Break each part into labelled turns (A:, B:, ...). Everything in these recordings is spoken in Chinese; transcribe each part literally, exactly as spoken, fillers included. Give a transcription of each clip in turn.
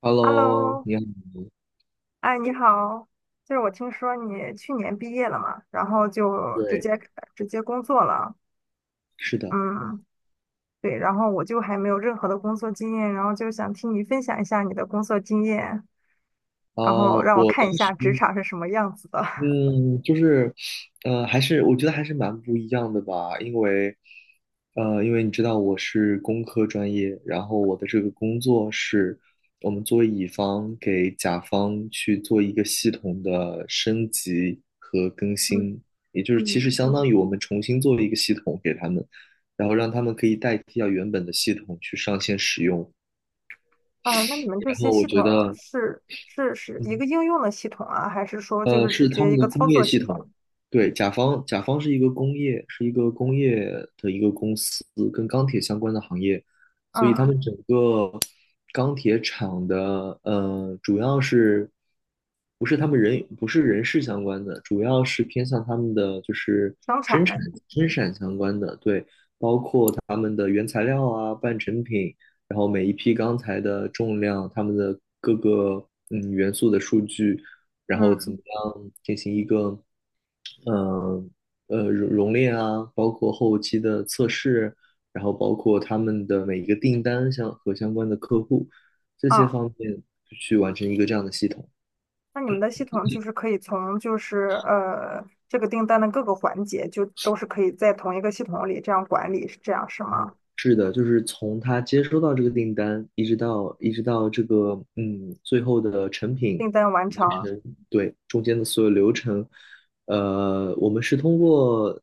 A: Hello，
B: Hello，
A: 你好，
B: 哎，你好，就是我听说你去年毕业了嘛，然后就直
A: 对，
B: 接直接工作了。
A: 是的，
B: 嗯。对，然后我就还没有任何的工作经验，然后就想听你分享一下你的工作经验，然后
A: 呃，
B: 让我
A: 我
B: 看
A: 当
B: 一
A: 时，
B: 下职场是什么样子的。
A: 嗯，就是，呃，还是我觉得还是蛮不一样的吧，因为，呃，因为你知道我是工科专业，然后我的这个工作是我们作为乙方给甲方去做一个系统的升级和更
B: 嗯
A: 新，也就是其
B: 嗯。
A: 实相当于我们重新做了一个系统给他们，然后让他们可以代替掉原本的系统去上线使用，
B: 啊，那你们这
A: 然
B: 些
A: 后我
B: 系统
A: 觉得。
B: 是是是一
A: 嗯。
B: 个应用的系统啊，还是说就
A: 呃，
B: 是直
A: 是他
B: 接
A: 们
B: 一
A: 的
B: 个
A: 工
B: 操
A: 业
B: 作系
A: 系
B: 统？
A: 统。对，甲方，甲方是一个工业，是一个工业的一个公司，跟钢铁相关的行业，所以他
B: 嗯，
A: 们整个钢铁厂的，呃，主要是不是他们人不是人事相关的，主要是偏向他们的就是
B: 生
A: 生产
B: 产，
A: 生产相关的，对，他们的原材料啊、半成品，然后每一批钢材的重量、他们的各个嗯元素的数据，然后怎
B: 嗯。
A: 么样进行一个嗯呃熔熔炼啊，包括后期的测试，然后包括他们的每一个订单相和相关的客户这些
B: 啊。
A: 方面去完成一个这样的系统。
B: 那你们的系统就是可以从就是呃这个订单的各个环节，就都是可以在同一个系统里这样管理，是这样是吗？
A: 是的，就是从他接收到这个订单，一直到一直到这个嗯最后的成品
B: 订单完
A: 完
B: 成，
A: 成，对中间的所有流程，呃，我们是通过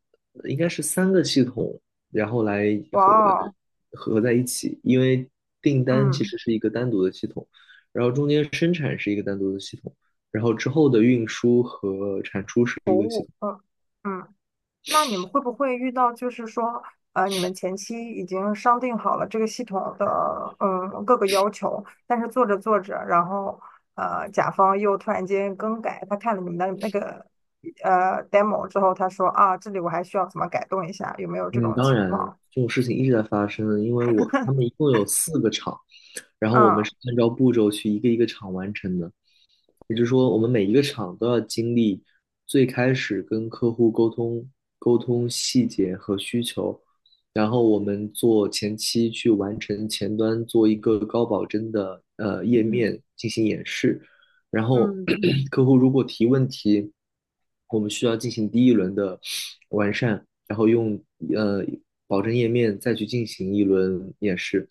A: 应该是三个系统，然后来
B: 哇
A: 合
B: 哦，
A: 合在一起，因为订单其
B: 嗯，
A: 实是一个单独的系统，然后中间生产是一个单独的系统，然后之后的运输和产出是
B: 服
A: 一个系
B: 务，
A: 统。
B: 嗯嗯。那你们会不会遇到，就是说，呃，你们前期已经商定好了这个系统的，嗯，各个要求，但是做着做着，然后，呃，甲方又突然间更改，他看了你们的那个，呃，demo 之后，他说啊，这里我还需要怎么改动一下，有没有这
A: 嗯，
B: 种
A: 当
B: 情
A: 然
B: 况？
A: 这种事情一直在发生，因为我他们一共有四个厂。然后我们
B: 嗯
A: 是按照步骤去一个一个厂完成的。也就是说，我们每一个厂都要经历最开始跟客户沟通、沟通细节和需求，然后我们做前期去完成前端做一个高保真的呃页
B: 嗯
A: 面进行演示，然后
B: 嗯
A: 客户如果提问题，我们需要进行第一轮的完善，然后用呃保证页面再去进行一轮演示，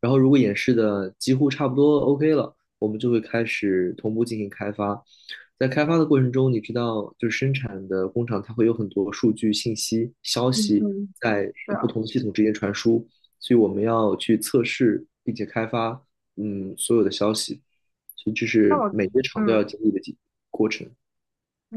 A: 然后如果演示的几乎差不多 OK 了。我们就会开始同步进行开发。在开发的过程中，你知道，就是生产的工厂，它会有很多数据、信息、消
B: 嗯
A: 息
B: 嗯，
A: 在
B: 是
A: 不
B: 啊，
A: 同的系统之间传输，所以我们要去测试并且开发，嗯，所有的消息，所以这
B: 那
A: 是
B: 我，
A: 每个厂都
B: 嗯。
A: 要经历的几过程。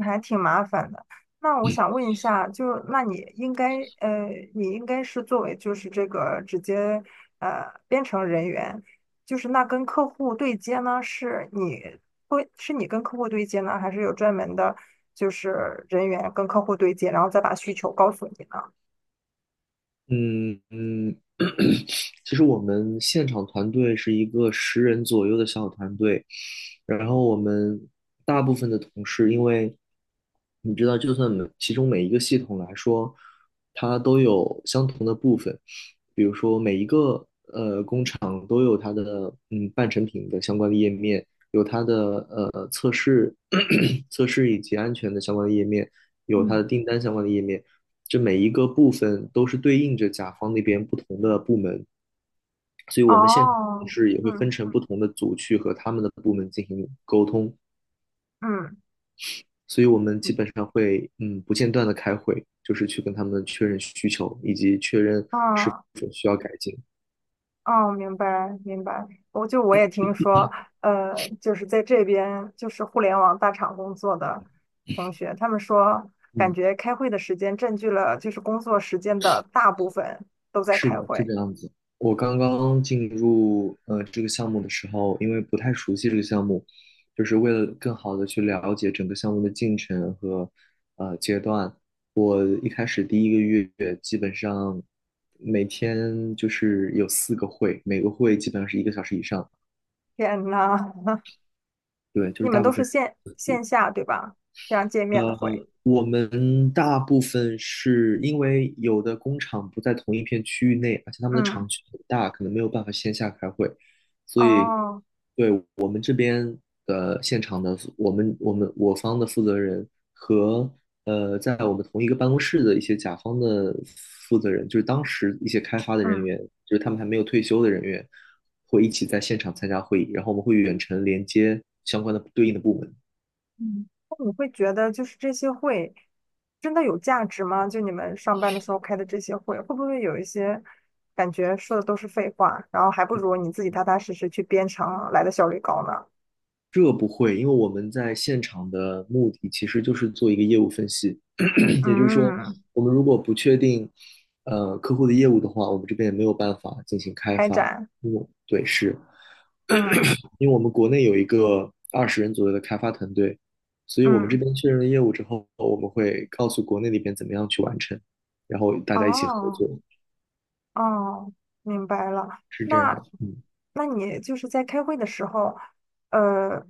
B: 还挺麻烦的。那我想问一下，就是那你应该呃，你应该是作为就是这个直接呃编程人员，就是那跟客户对接呢，是你会是你跟客户对接呢，还是有专门的就是人员跟客户对接，然后再把需求告诉你呢？
A: 嗯嗯，其实我们现场团队是一个十人左右的小团队，然后我们大部分的同事，因为你知道，就算每其中每一个系统来说，它都有相同的部分，比如说每一个厂都有它的嗯半成品的相关的页面，有它的呃测试 测试以及安全的相关的页面，有它的
B: 嗯。
A: 订单相关的页面，这每一个部分都是对应着甲方那边不同的部门，所以我们现场同
B: 哦，
A: 事也会分
B: 嗯
A: 成不同的组去和他们的部门进行沟通，
B: 嗯
A: 所以我们基本上会嗯不间断的开会，就是去跟他们确认需求以及确认是
B: 嗯，
A: 否需要改进，
B: 哦，明白明白，我就我也听说，呃，就是在这边就是互联网大厂工作的同学，他们说感
A: 嗯。
B: 觉开会的时间占据了就是工作时间的大部分都在
A: 是
B: 开
A: 的，是这
B: 会。
A: 个样子。我刚刚进入呃这个项目的时候，因为不太熟悉这个项目，就是为了更好的去了解整个项目的进程和呃阶段。我一开始第一个月基本上每天就是有四个会，每个会基本上是一个小时以上。
B: 天呐。
A: 对，就
B: 你
A: 是
B: 们
A: 大部
B: 都是
A: 分。
B: 线线下对吧？这样见面的会。
A: 呃，我们大部分是因为有的工厂不在同一片区域内，而且他们的
B: 嗯，
A: 厂区很大，可能没有办法线下开会，所以
B: 哦，
A: 对我们这边的现场的我们我们我方的负责人和呃在我们同一个办公室的一些甲方的负责人，就是当时一些开发的人
B: 嗯。
A: 员，就是他们还没有退休的人员，会一起在现场参加会议，然后我们会远程连接相关的对应的部门。
B: 嗯。那你会觉得就是这些会真的有价值吗？就你们上班的时候开的这些会，会不会有一些感觉说的都是废话，然后还不如你自己踏踏实实去编程来的效率高呢？
A: 这不会，因为我们在现场的目的其实就是做一个业务分析，也就是说，
B: 嗯，
A: 我们如果不确定呃客户的业务的话，我们这边也没有办法进行开
B: 开
A: 发。
B: 展，
A: 嗯，对，是
B: 嗯
A: 因为我们国内有一个二十人左右的开发团队，所以我们这
B: 嗯，
A: 边确认了业务之后，我们会告诉国内那边怎么样去完成，然后大家一起合
B: 哦。
A: 作，
B: 哦，明白了。
A: 是这样。
B: 那，
A: 嗯。
B: 那你就是在开会的时候，呃，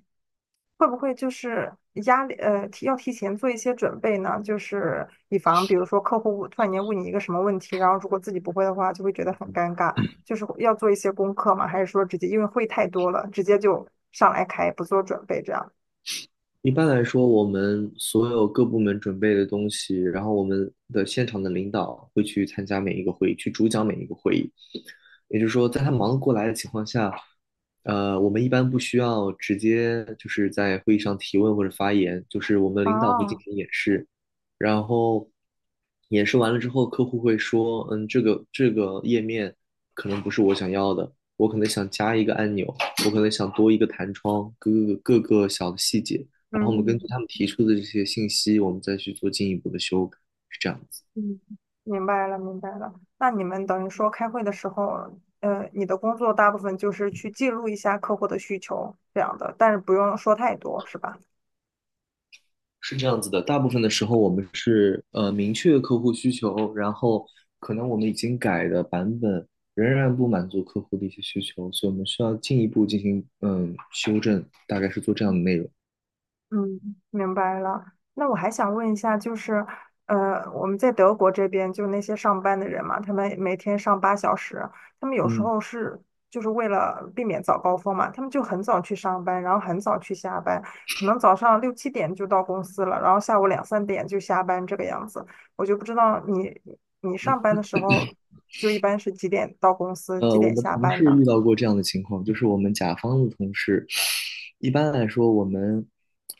B: 会不会就是压力，呃，提要提前做一些准备呢？就是以防，比如说客户突然间问你一个什么问题，然后如果自己不会的话，就会觉得很尴尬。就是要做一些功课吗？还是说直接因为会太多了，直接就上来开，不做准备这样？
A: 一般来说，我们所有各部门准备的东西，然后我们的现场的领导会去参加每一个会议，去主讲每一个会议。也就是说，在他忙得过来的情况下，呃，我们一般不需要直接就是在会议上提问或者发言，就是我们领导会进
B: 哦，
A: 行演示，然后演示完了之后，客户会说，嗯，这个这个页面可能不是我想要的，我可能想加一个按钮，我可能想多一个弹窗，各个各个小的细节，然后我们根据
B: 嗯。
A: 他们提出的这些信息，我们再去做进一步的修改，是这样子。
B: 嗯，明白了，明白了。那你们等于说开会的时候，呃，你的工作大部分就是去记录一下客户的需求这样的，但是不用说太多，是吧？
A: 是这样子的，大部分的时候我们是呃明确客户需求，然后可能我们已经改的版本仍然不满足客户的一些需求，所以我们需要进一步进行嗯修正，大概是做这样的内容。
B: 嗯，明白了。那我还想问一下，就是，呃，我们在德国这边，就那些上班的人嘛，他们每天上八小时，他们有时
A: 嗯。
B: 候是就是为了避免早高峰嘛，他们就很早去上班，然后很早去下班，可能早上六七点就到公司了，然后下午两三点就下班这个样子。我就不知道你你上班的时候，就一般是几点到公司，几
A: 呃，我
B: 点
A: 们
B: 下
A: 同
B: 班
A: 事
B: 呢？
A: 遇到过这样的情况，就是我们甲方的同事，一般来说，我们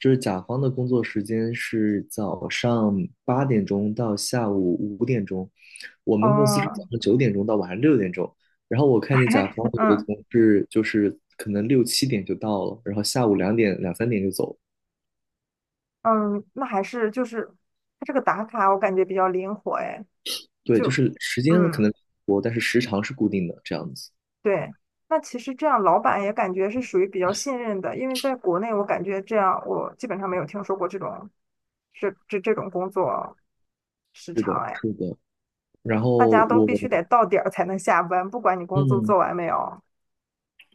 A: 就是甲方的工作时间是早上八点钟到下午五点钟，我们公司是早
B: 哦，
A: 上九点钟到晚上六点钟，然后我看见甲方 有的
B: 嗯。
A: 同事就是可能六七点就到了，然后下午两点两三点就走了，
B: 嗯，那还是就是它这个打卡，我感觉比较灵活哎，
A: 对，
B: 就
A: 就是时间可
B: 嗯，
A: 能多，但是时长是固定的，这样子。
B: 对。那其实这样，老板也感觉是属于比较信任的，因为在国内，我感觉这样，我基本上没有听说过这种这这这种工作时
A: 是
B: 长
A: 的，
B: 哎，
A: 是的。然
B: 大
A: 后
B: 家都
A: 我，
B: 必须得到点儿才能下班，不管你工作做
A: 嗯，
B: 完没有。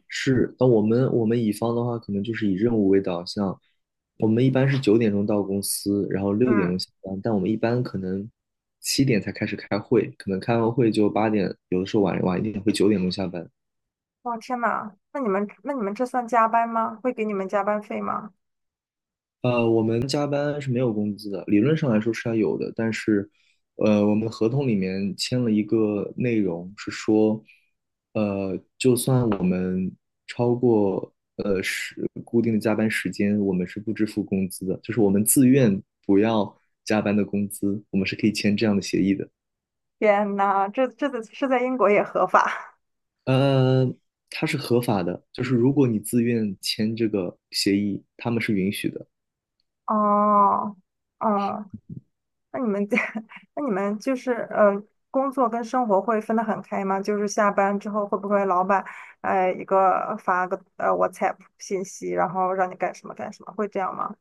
A: 是，那我们我们乙方的话，可能就是以任务为导向。我们一般是九点钟到公司，然后六点钟
B: 嗯，
A: 下班，但我们一般可能七点才开始开会，可能开完会就八点，有的时候晚晚一点会九点钟下班。
B: 哇天呐，那你们那你们这算加班吗？会给你们加班费吗？
A: 呃，我们加班是没有工资的，理论上来说是要有的，但是，呃，我们合同里面签了一个内容是说，呃，就算我们超过呃是固定的加班时间，我们是不支付工资的，就是我们自愿不要加班的工资，我们是可以签这样的协议的。
B: 天呐，这这是在英国也合法
A: 呃，它是合法的，就是如果你自愿签这个协议，他们是允许的。
B: 哦。哦，那你们 那你们就是呃，工作跟生活会分得很开吗？就是下班之后会不会老板呃一个发个呃 WhatsApp 信息，然后让你干什么干什么，会这样吗？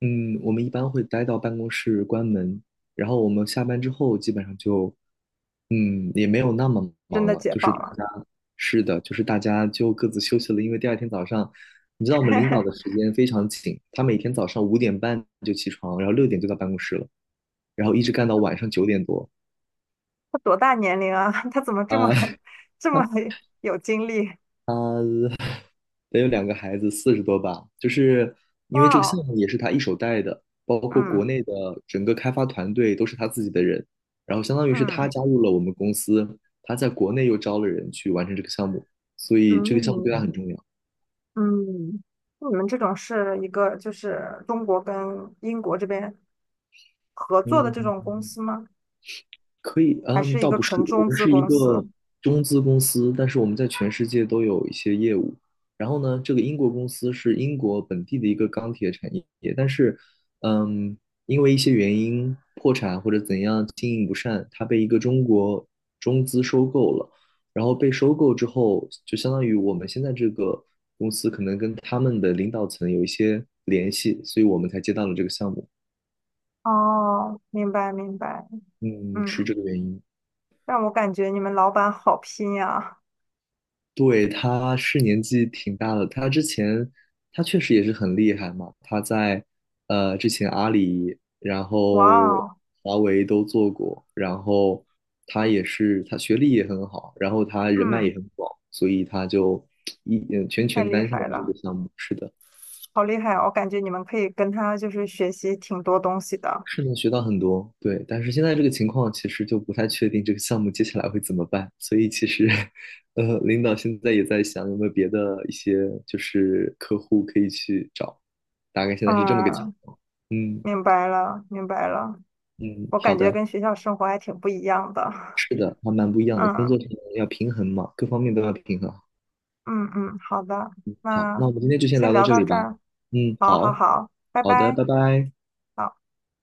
A: 嗯，我们一般会待到办公室关门，然后我们下班之后基本上就，嗯，也没有那么
B: 真
A: 忙
B: 的
A: 了，
B: 解
A: 就是
B: 放
A: 大
B: 了？
A: 家，是的，就是大家就各自休息了，因为第二天早上，你知道我们领导的 时间非常紧，他每天早上五点半就起床，然后六点就到办公室了，然后一直干到晚上九点多，
B: 他多大年龄啊？他怎么这么
A: 啊，
B: 这么 有精力？
A: 得有两个孩子，四十多吧。就是因为这个
B: 哇
A: 项
B: 哦，
A: 目也是他一手带的，包括国
B: 嗯
A: 内的整个开发团队都是他自己的人，然后相当于是他
B: 嗯
A: 加入了我们公司，他在国内又招了人去完成这个项目，所以这个项目对他
B: 嗯
A: 很重要。
B: 嗯。那你们这种是一个就是中国跟英国这边合作的这
A: 嗯，
B: 种公司吗？
A: 可以，
B: 还
A: 嗯，
B: 是一
A: 倒
B: 个
A: 不是，
B: 纯
A: 我
B: 中
A: 们
B: 资
A: 是一
B: 公司？
A: 个中资公司，但是我们在全世界都有一些业务。然后呢，这个英国公司是英国本地的一个钢铁产业，但是，嗯，因为一些原因破产或者怎样经营不善，它被一个中国中资收购了。然后被收购之后，就相当于我们现在这个公司可能跟他们的领导层有一些联系，所以我们才接到了这个项目。
B: 哦，明白明白。
A: 嗯，是这
B: 嗯，
A: 个原因。
B: 让我感觉你们老板好拼呀。
A: 对，他是年纪挺大的，他之前他确实也是很厉害嘛，他在呃之前阿里，然
B: 哇
A: 后
B: 哦，
A: 华为都做过，然后他也是他学历也很好，然后他人脉
B: 嗯，
A: 也很广，所以他就 一嗯全
B: 太
A: 权
B: 厉
A: 担下了
B: 害
A: 这
B: 了，
A: 个项目，是的。
B: 好厉害哦，我感觉你们可以跟他就是学习挺多东西的。
A: 是能学到很多，对。但是现在这个情况，其实就不太确定这个项目接下来会怎么办。所以其实，呃，领导现在也在想有没有别的一些就是客户可以去找，大概现在是这么个情
B: 嗯，
A: 况。嗯
B: 明白了明白了。
A: 嗯，
B: 我
A: 好
B: 感觉
A: 的，
B: 跟学校生活还挺不一样的。
A: 是的，还蛮不一样的。工
B: 嗯
A: 作上要平衡嘛，各方面都要平衡。
B: 嗯嗯，好的。
A: 好，
B: 那
A: 那我们今天就先
B: 先
A: 聊到
B: 聊
A: 这
B: 到
A: 里
B: 这
A: 吧。
B: 儿，
A: 嗯，
B: 好好
A: 好，
B: 好，拜
A: 好的，
B: 拜。
A: 拜拜。
B: 好。